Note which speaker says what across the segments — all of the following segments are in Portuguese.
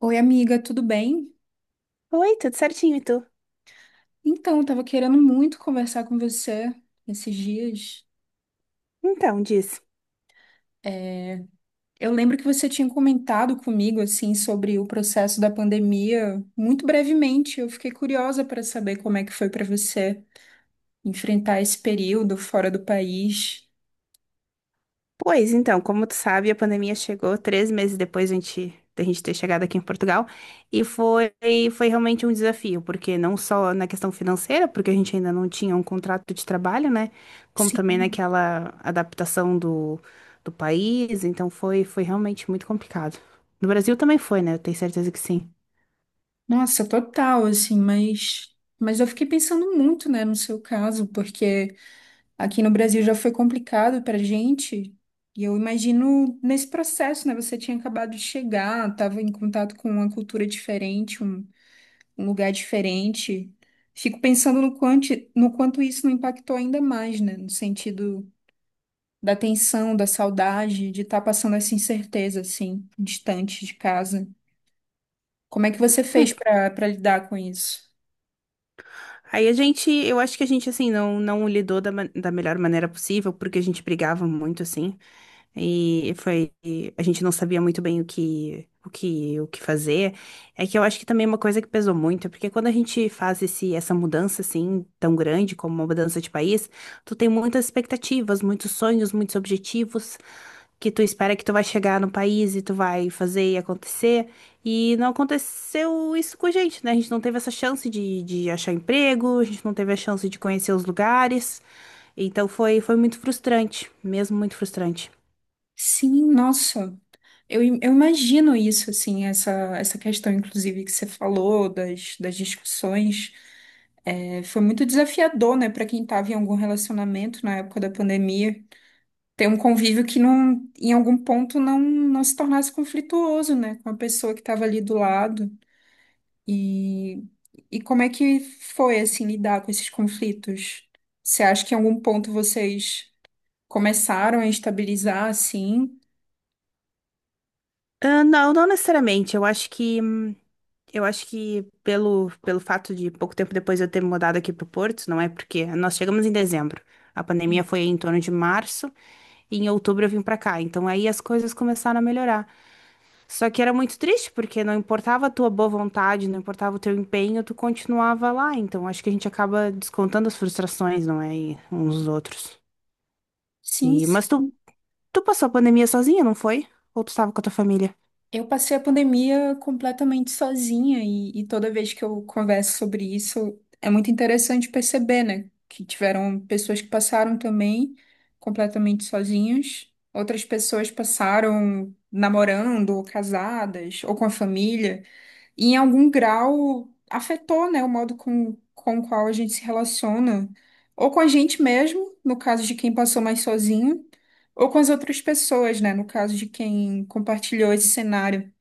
Speaker 1: Oi, amiga, tudo bem?
Speaker 2: Oi, tudo certinho, e tu?
Speaker 1: Então, eu tava querendo muito conversar com você esses dias.
Speaker 2: Então, diz.
Speaker 1: É, Eu lembro que você tinha comentado comigo, assim, sobre o processo da pandemia, muito brevemente. Eu fiquei curiosa para saber como é que foi para você enfrentar esse período fora do país.
Speaker 2: Pois então, como tu sabe, a pandemia chegou 3 meses depois da gente ter chegado aqui em Portugal e foi realmente um desafio, porque não só na questão financeira, porque a gente ainda não tinha um contrato de trabalho, né? Como também
Speaker 1: Sim.
Speaker 2: naquela adaptação do país, então foi realmente muito complicado. No Brasil também foi, né? Eu tenho certeza que sim.
Speaker 1: Nossa, total, assim, mas... Mas eu fiquei pensando muito, né, no seu caso, porque... Aqui no Brasil já foi complicado para gente, e eu imagino nesse processo, né? Você tinha acabado de chegar, estava em contato com uma cultura diferente, um lugar diferente. Fico pensando no quanto, no quanto isso não impactou ainda mais, né? No sentido da tensão, da saudade, de estar passando essa incerteza, assim, distante de casa. Como é que você
Speaker 2: Hum,
Speaker 1: fez para lidar com isso?
Speaker 2: Aí a gente, eu acho que a gente, assim, não lidou da melhor maneira possível, porque a gente brigava muito, assim. E foi, a gente não sabia muito bem o que fazer. É que eu acho que também é uma coisa que pesou muito, é porque quando a gente faz essa mudança assim, tão grande como uma mudança de país, tu tem muitas expectativas, muitos sonhos, muitos objetivos que tu espera que tu vai chegar no país e tu vai fazer e acontecer. E não aconteceu isso com a gente, né? A gente não teve essa chance de achar emprego, a gente não teve a chance de conhecer os lugares. Então foi, foi muito frustrante, mesmo muito frustrante.
Speaker 1: Sim, nossa. Eu imagino isso, assim, essa questão, inclusive, que você falou das discussões. É, foi muito desafiador, né, para quem estava em algum relacionamento na época da pandemia, ter um convívio que não, em algum ponto não se tornasse conflituoso, né, com a pessoa que estava ali do lado. E, e como é que foi, assim, lidar com esses conflitos? Você acha que em algum ponto vocês começaram a estabilizar, assim?
Speaker 2: Ah, não, não necessariamente. Eu acho que pelo fato de pouco tempo depois eu ter me mudado aqui para o Porto, não é porque nós chegamos em dezembro. A pandemia
Speaker 1: Sim.
Speaker 2: foi em torno de março e em outubro eu vim para cá. Então aí as coisas começaram a melhorar. Só que era muito triste porque não importava a tua boa vontade, não importava o teu empenho, tu continuava lá. Então acho que a gente acaba descontando as frustrações, não é, e uns dos outros.
Speaker 1: Sim,
Speaker 2: E
Speaker 1: sim.
Speaker 2: mas tu passou a pandemia sozinha, não foi? Ou tu estava com a tua família?
Speaker 1: Eu passei a pandemia completamente sozinha e toda vez que eu converso sobre isso, é muito interessante perceber, né? Que tiveram pessoas que passaram também completamente sozinhas, outras pessoas passaram namorando, ou casadas, ou com a família, e em algum grau afetou, né, o modo com o qual a gente se relaciona, ou com a gente mesmo, no caso de quem passou mais sozinho, ou com as outras pessoas, né, no caso de quem compartilhou esse cenário.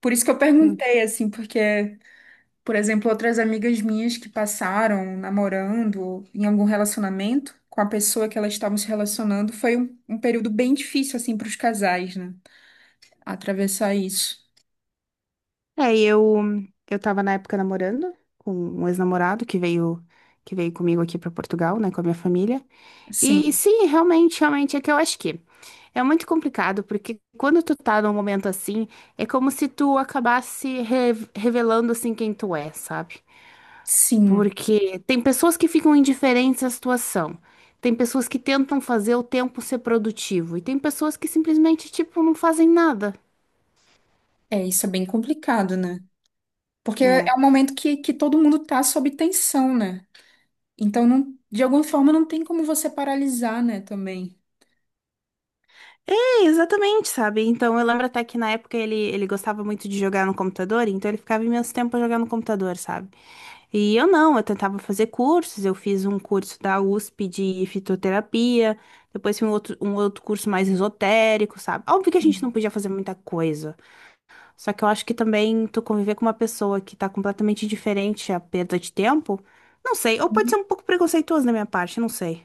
Speaker 1: Por isso que eu perguntei, assim, porque, por exemplo, outras amigas minhas que passaram namorando em algum relacionamento com a pessoa que elas estavam se relacionando, foi um período bem difícil, assim, para os casais, né? Atravessar isso.
Speaker 2: É, e eu tava na época namorando com um ex-namorado que veio comigo aqui pra Portugal, né, com a minha família. E
Speaker 1: Sim,
Speaker 2: sim, realmente, realmente é que eu acho que é muito complicado, porque quando tu tá num momento assim, é como se tu acabasse revelando assim quem tu é, sabe?
Speaker 1: sim.
Speaker 2: Porque tem pessoas que ficam indiferentes à situação. Tem pessoas que tentam fazer o tempo ser produtivo e tem pessoas que simplesmente, tipo, não fazem nada.
Speaker 1: É, isso é bem complicado, né? Porque é
Speaker 2: Né?
Speaker 1: um momento que todo mundo tá sob tensão, né? Então, não, de alguma forma, não tem como você paralisar, né, também.
Speaker 2: É, exatamente, sabe? Então eu lembro até que na época ele gostava muito de jogar no computador, então ele ficava imenso tempo jogando no computador, sabe? E eu não, eu tentava fazer cursos, eu fiz um curso da USP de fitoterapia, depois fiz um outro curso mais esotérico, sabe? Óbvio que a gente não podia fazer muita coisa, só que eu acho que também tu conviver com uma pessoa que tá completamente diferente, é a perda de tempo, não sei, ou pode
Speaker 1: Uhum.
Speaker 2: ser um pouco preconceituoso da minha parte, não sei.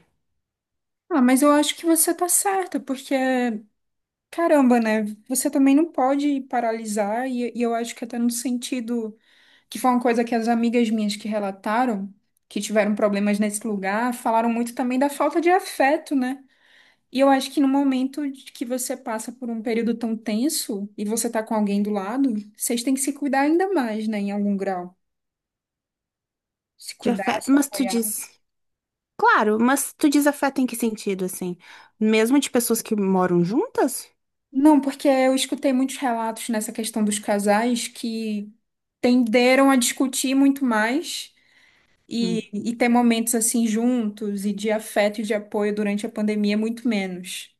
Speaker 1: Ah, mas eu acho que você tá certa, porque caramba, né? Você também não pode paralisar, e eu acho que até no sentido que foi uma coisa que as amigas minhas que relataram, que tiveram problemas nesse lugar, falaram muito também da falta de afeto, né? E eu acho que no momento de que você passa por um período tão tenso e você tá com alguém do lado, vocês têm que se cuidar ainda mais, né? Em algum grau. Se
Speaker 2: De
Speaker 1: cuidar,
Speaker 2: afeto,
Speaker 1: se
Speaker 2: mas tu
Speaker 1: apoiar.
Speaker 2: diz. Claro, mas tu diz afeto em que sentido, assim? Mesmo de pessoas que moram juntas?
Speaker 1: Não, porque eu escutei muitos relatos nessa questão dos casais que tenderam a discutir muito mais.
Speaker 2: Hum,
Speaker 1: E ter momentos assim juntos e de afeto e de apoio durante a pandemia, é muito menos.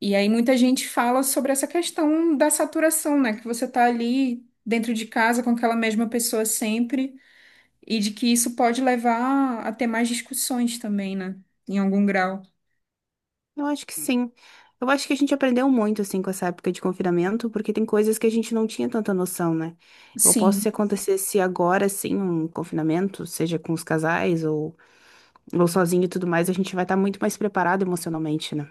Speaker 1: E aí muita gente fala sobre essa questão da saturação, né? Que você tá ali dentro de casa com aquela mesma pessoa sempre e de que isso pode levar a ter mais discussões também, né? Em algum grau.
Speaker 2: eu acho que sim. Eu acho que a gente aprendeu muito, assim, com essa época de confinamento, porque tem coisas que a gente não tinha tanta noção, né? Eu posso
Speaker 1: Sim,
Speaker 2: se acontecesse agora, assim, um confinamento, seja com os casais ou sozinho e tudo mais, a gente vai estar muito mais preparado emocionalmente, né?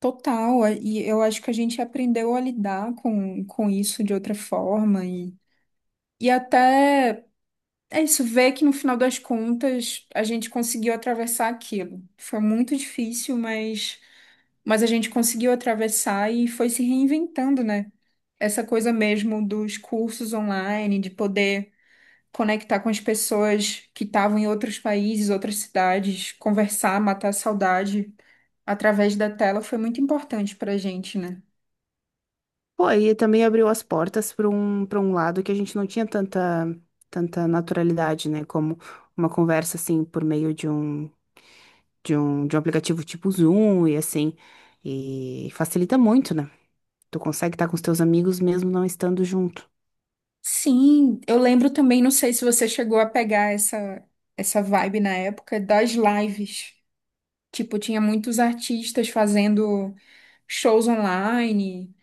Speaker 1: total. E eu acho que a gente aprendeu a lidar com isso de outra forma e até. É isso, ver que no final das contas a gente conseguiu atravessar aquilo. Foi muito difícil, mas a gente conseguiu atravessar e foi se reinventando, né? Essa coisa mesmo dos cursos online, de poder conectar com as pessoas que estavam em outros países, outras cidades, conversar, matar a saudade através da tela foi muito importante pra gente, né?
Speaker 2: Pô, e também abriu as portas para um lado que a gente não tinha tanta, tanta naturalidade, né? Como uma conversa, assim, por meio de um aplicativo tipo Zoom e assim. E facilita muito, né? Tu consegue estar com os teus amigos mesmo não estando junto.
Speaker 1: Sim, eu lembro também, não sei se você chegou a pegar essa vibe na época das lives. Tipo, tinha muitos artistas fazendo shows online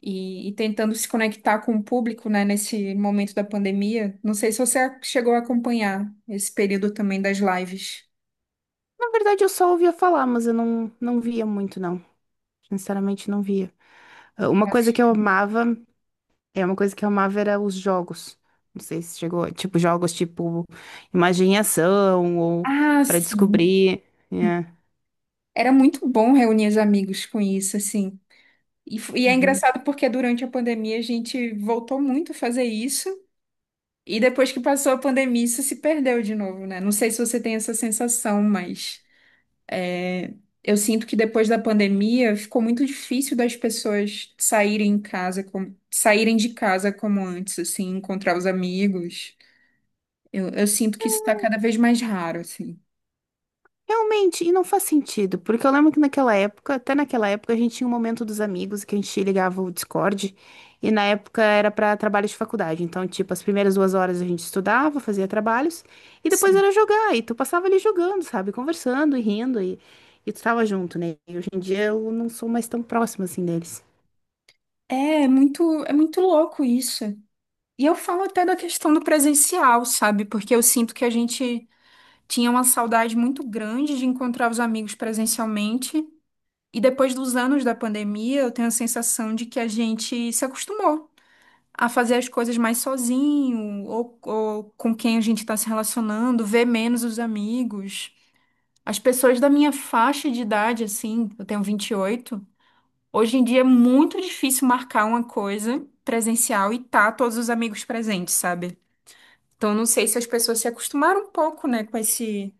Speaker 1: e tentando se conectar com o público, né, nesse momento da pandemia. Não sei se você chegou a acompanhar esse período também das lives.
Speaker 2: Na verdade, eu só ouvia falar, mas eu não via muito, não. Sinceramente, não via. Ah, Uma coisa que eu amava, é uma coisa que eu amava era os jogos. Não sei se chegou, tipo, jogos tipo imagem e ação ou
Speaker 1: Ah,
Speaker 2: para
Speaker 1: sim.
Speaker 2: descobrir. É.
Speaker 1: Era muito bom reunir os amigos com isso, assim. E é
Speaker 2: Uhum.
Speaker 1: engraçado porque durante a pandemia a gente voltou muito a fazer isso. E depois que passou a pandemia, isso se perdeu de novo, né? Não sei se você tem essa sensação, mas eu sinto que depois da pandemia ficou muito difícil das pessoas saírem em casa, como, saírem de casa como antes, assim, encontrar os amigos. Eu sinto que isso está cada vez mais raro, assim.
Speaker 2: Realmente, e não faz sentido, porque eu lembro que naquela época, até naquela época, a gente tinha um momento dos amigos que a gente ligava o Discord, e na época era para trabalho de faculdade. Então, tipo, as primeiras 2 horas a gente estudava, fazia trabalhos, e depois
Speaker 1: Sim.
Speaker 2: era jogar, e tu passava ali jogando, sabe? Conversando e rindo, e tu tava junto, né? E hoje em dia eu não sou mais tão próxima assim deles.
Speaker 1: É muito louco isso. E eu falo até da questão do presencial, sabe? Porque eu sinto que a gente tinha uma saudade muito grande de encontrar os amigos presencialmente. E depois dos anos da pandemia, eu tenho a sensação de que a gente se acostumou a fazer as coisas mais sozinho, ou com quem a gente está se relacionando, ver menos os amigos. As pessoas da minha faixa de idade, assim, eu tenho 28, hoje em dia é muito difícil marcar uma coisa presencial e tá todos os amigos presentes, sabe? Então, eu não sei se as pessoas se acostumaram um pouco, né, com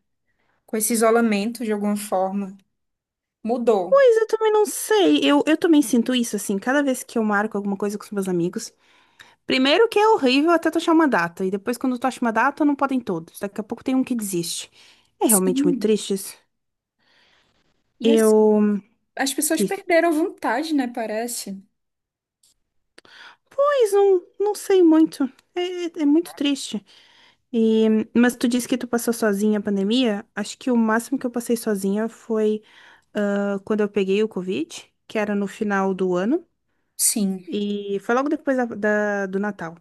Speaker 1: com esse isolamento de alguma forma. Mudou.
Speaker 2: Pois eu também não sei, eu também sinto isso, assim, cada vez que eu marco alguma coisa com os meus amigos. Primeiro que é horrível até tu achar uma data, e depois quando tu acha uma data, não podem todos. Daqui a pouco tem um que desiste. É realmente muito
Speaker 1: Sim.
Speaker 2: triste isso.
Speaker 1: E as,
Speaker 2: Eu
Speaker 1: as pessoas
Speaker 2: disse,
Speaker 1: perderam a vontade, né, parece.
Speaker 2: pois não sei muito. É, é muito triste. E, mas tu disse que tu passou sozinha a pandemia. Acho que o máximo que eu passei sozinha foi quando eu peguei o Covid, que era no final do ano,
Speaker 1: Sim.
Speaker 2: e foi logo depois do Natal.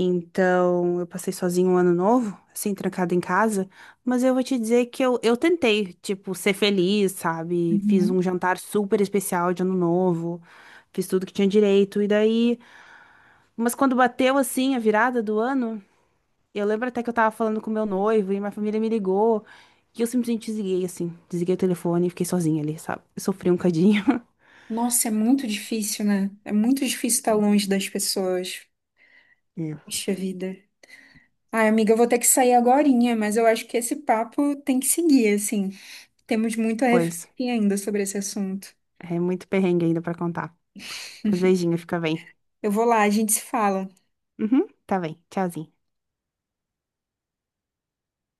Speaker 2: Então, eu passei sozinho um ano novo, assim, trancada em casa. Mas eu vou te dizer que eu tentei, tipo, ser feliz, sabe? Fiz um jantar super especial de ano novo, fiz tudo que tinha direito. E daí, mas quando bateu, assim, a virada do ano, eu lembro até que eu tava falando com meu noivo e minha família me ligou. E eu simplesmente desliguei, assim, desliguei o telefone e fiquei sozinha ali, sabe? Eu sofri um cadinho.
Speaker 1: Nossa, é muito difícil, né? É muito difícil estar longe das pessoas.
Speaker 2: Hum.
Speaker 1: Puxa vida. Ai, amiga, eu vou ter que sair agorinha, mas eu acho que esse papo tem que seguir, assim. Temos muito a
Speaker 2: Pois,
Speaker 1: refletir ainda sobre esse assunto.
Speaker 2: é muito perrengue ainda pra contar. Mas beijinho, fica bem.
Speaker 1: Eu vou lá, a gente se fala.
Speaker 2: Uhum, tá bem. Tchauzinho.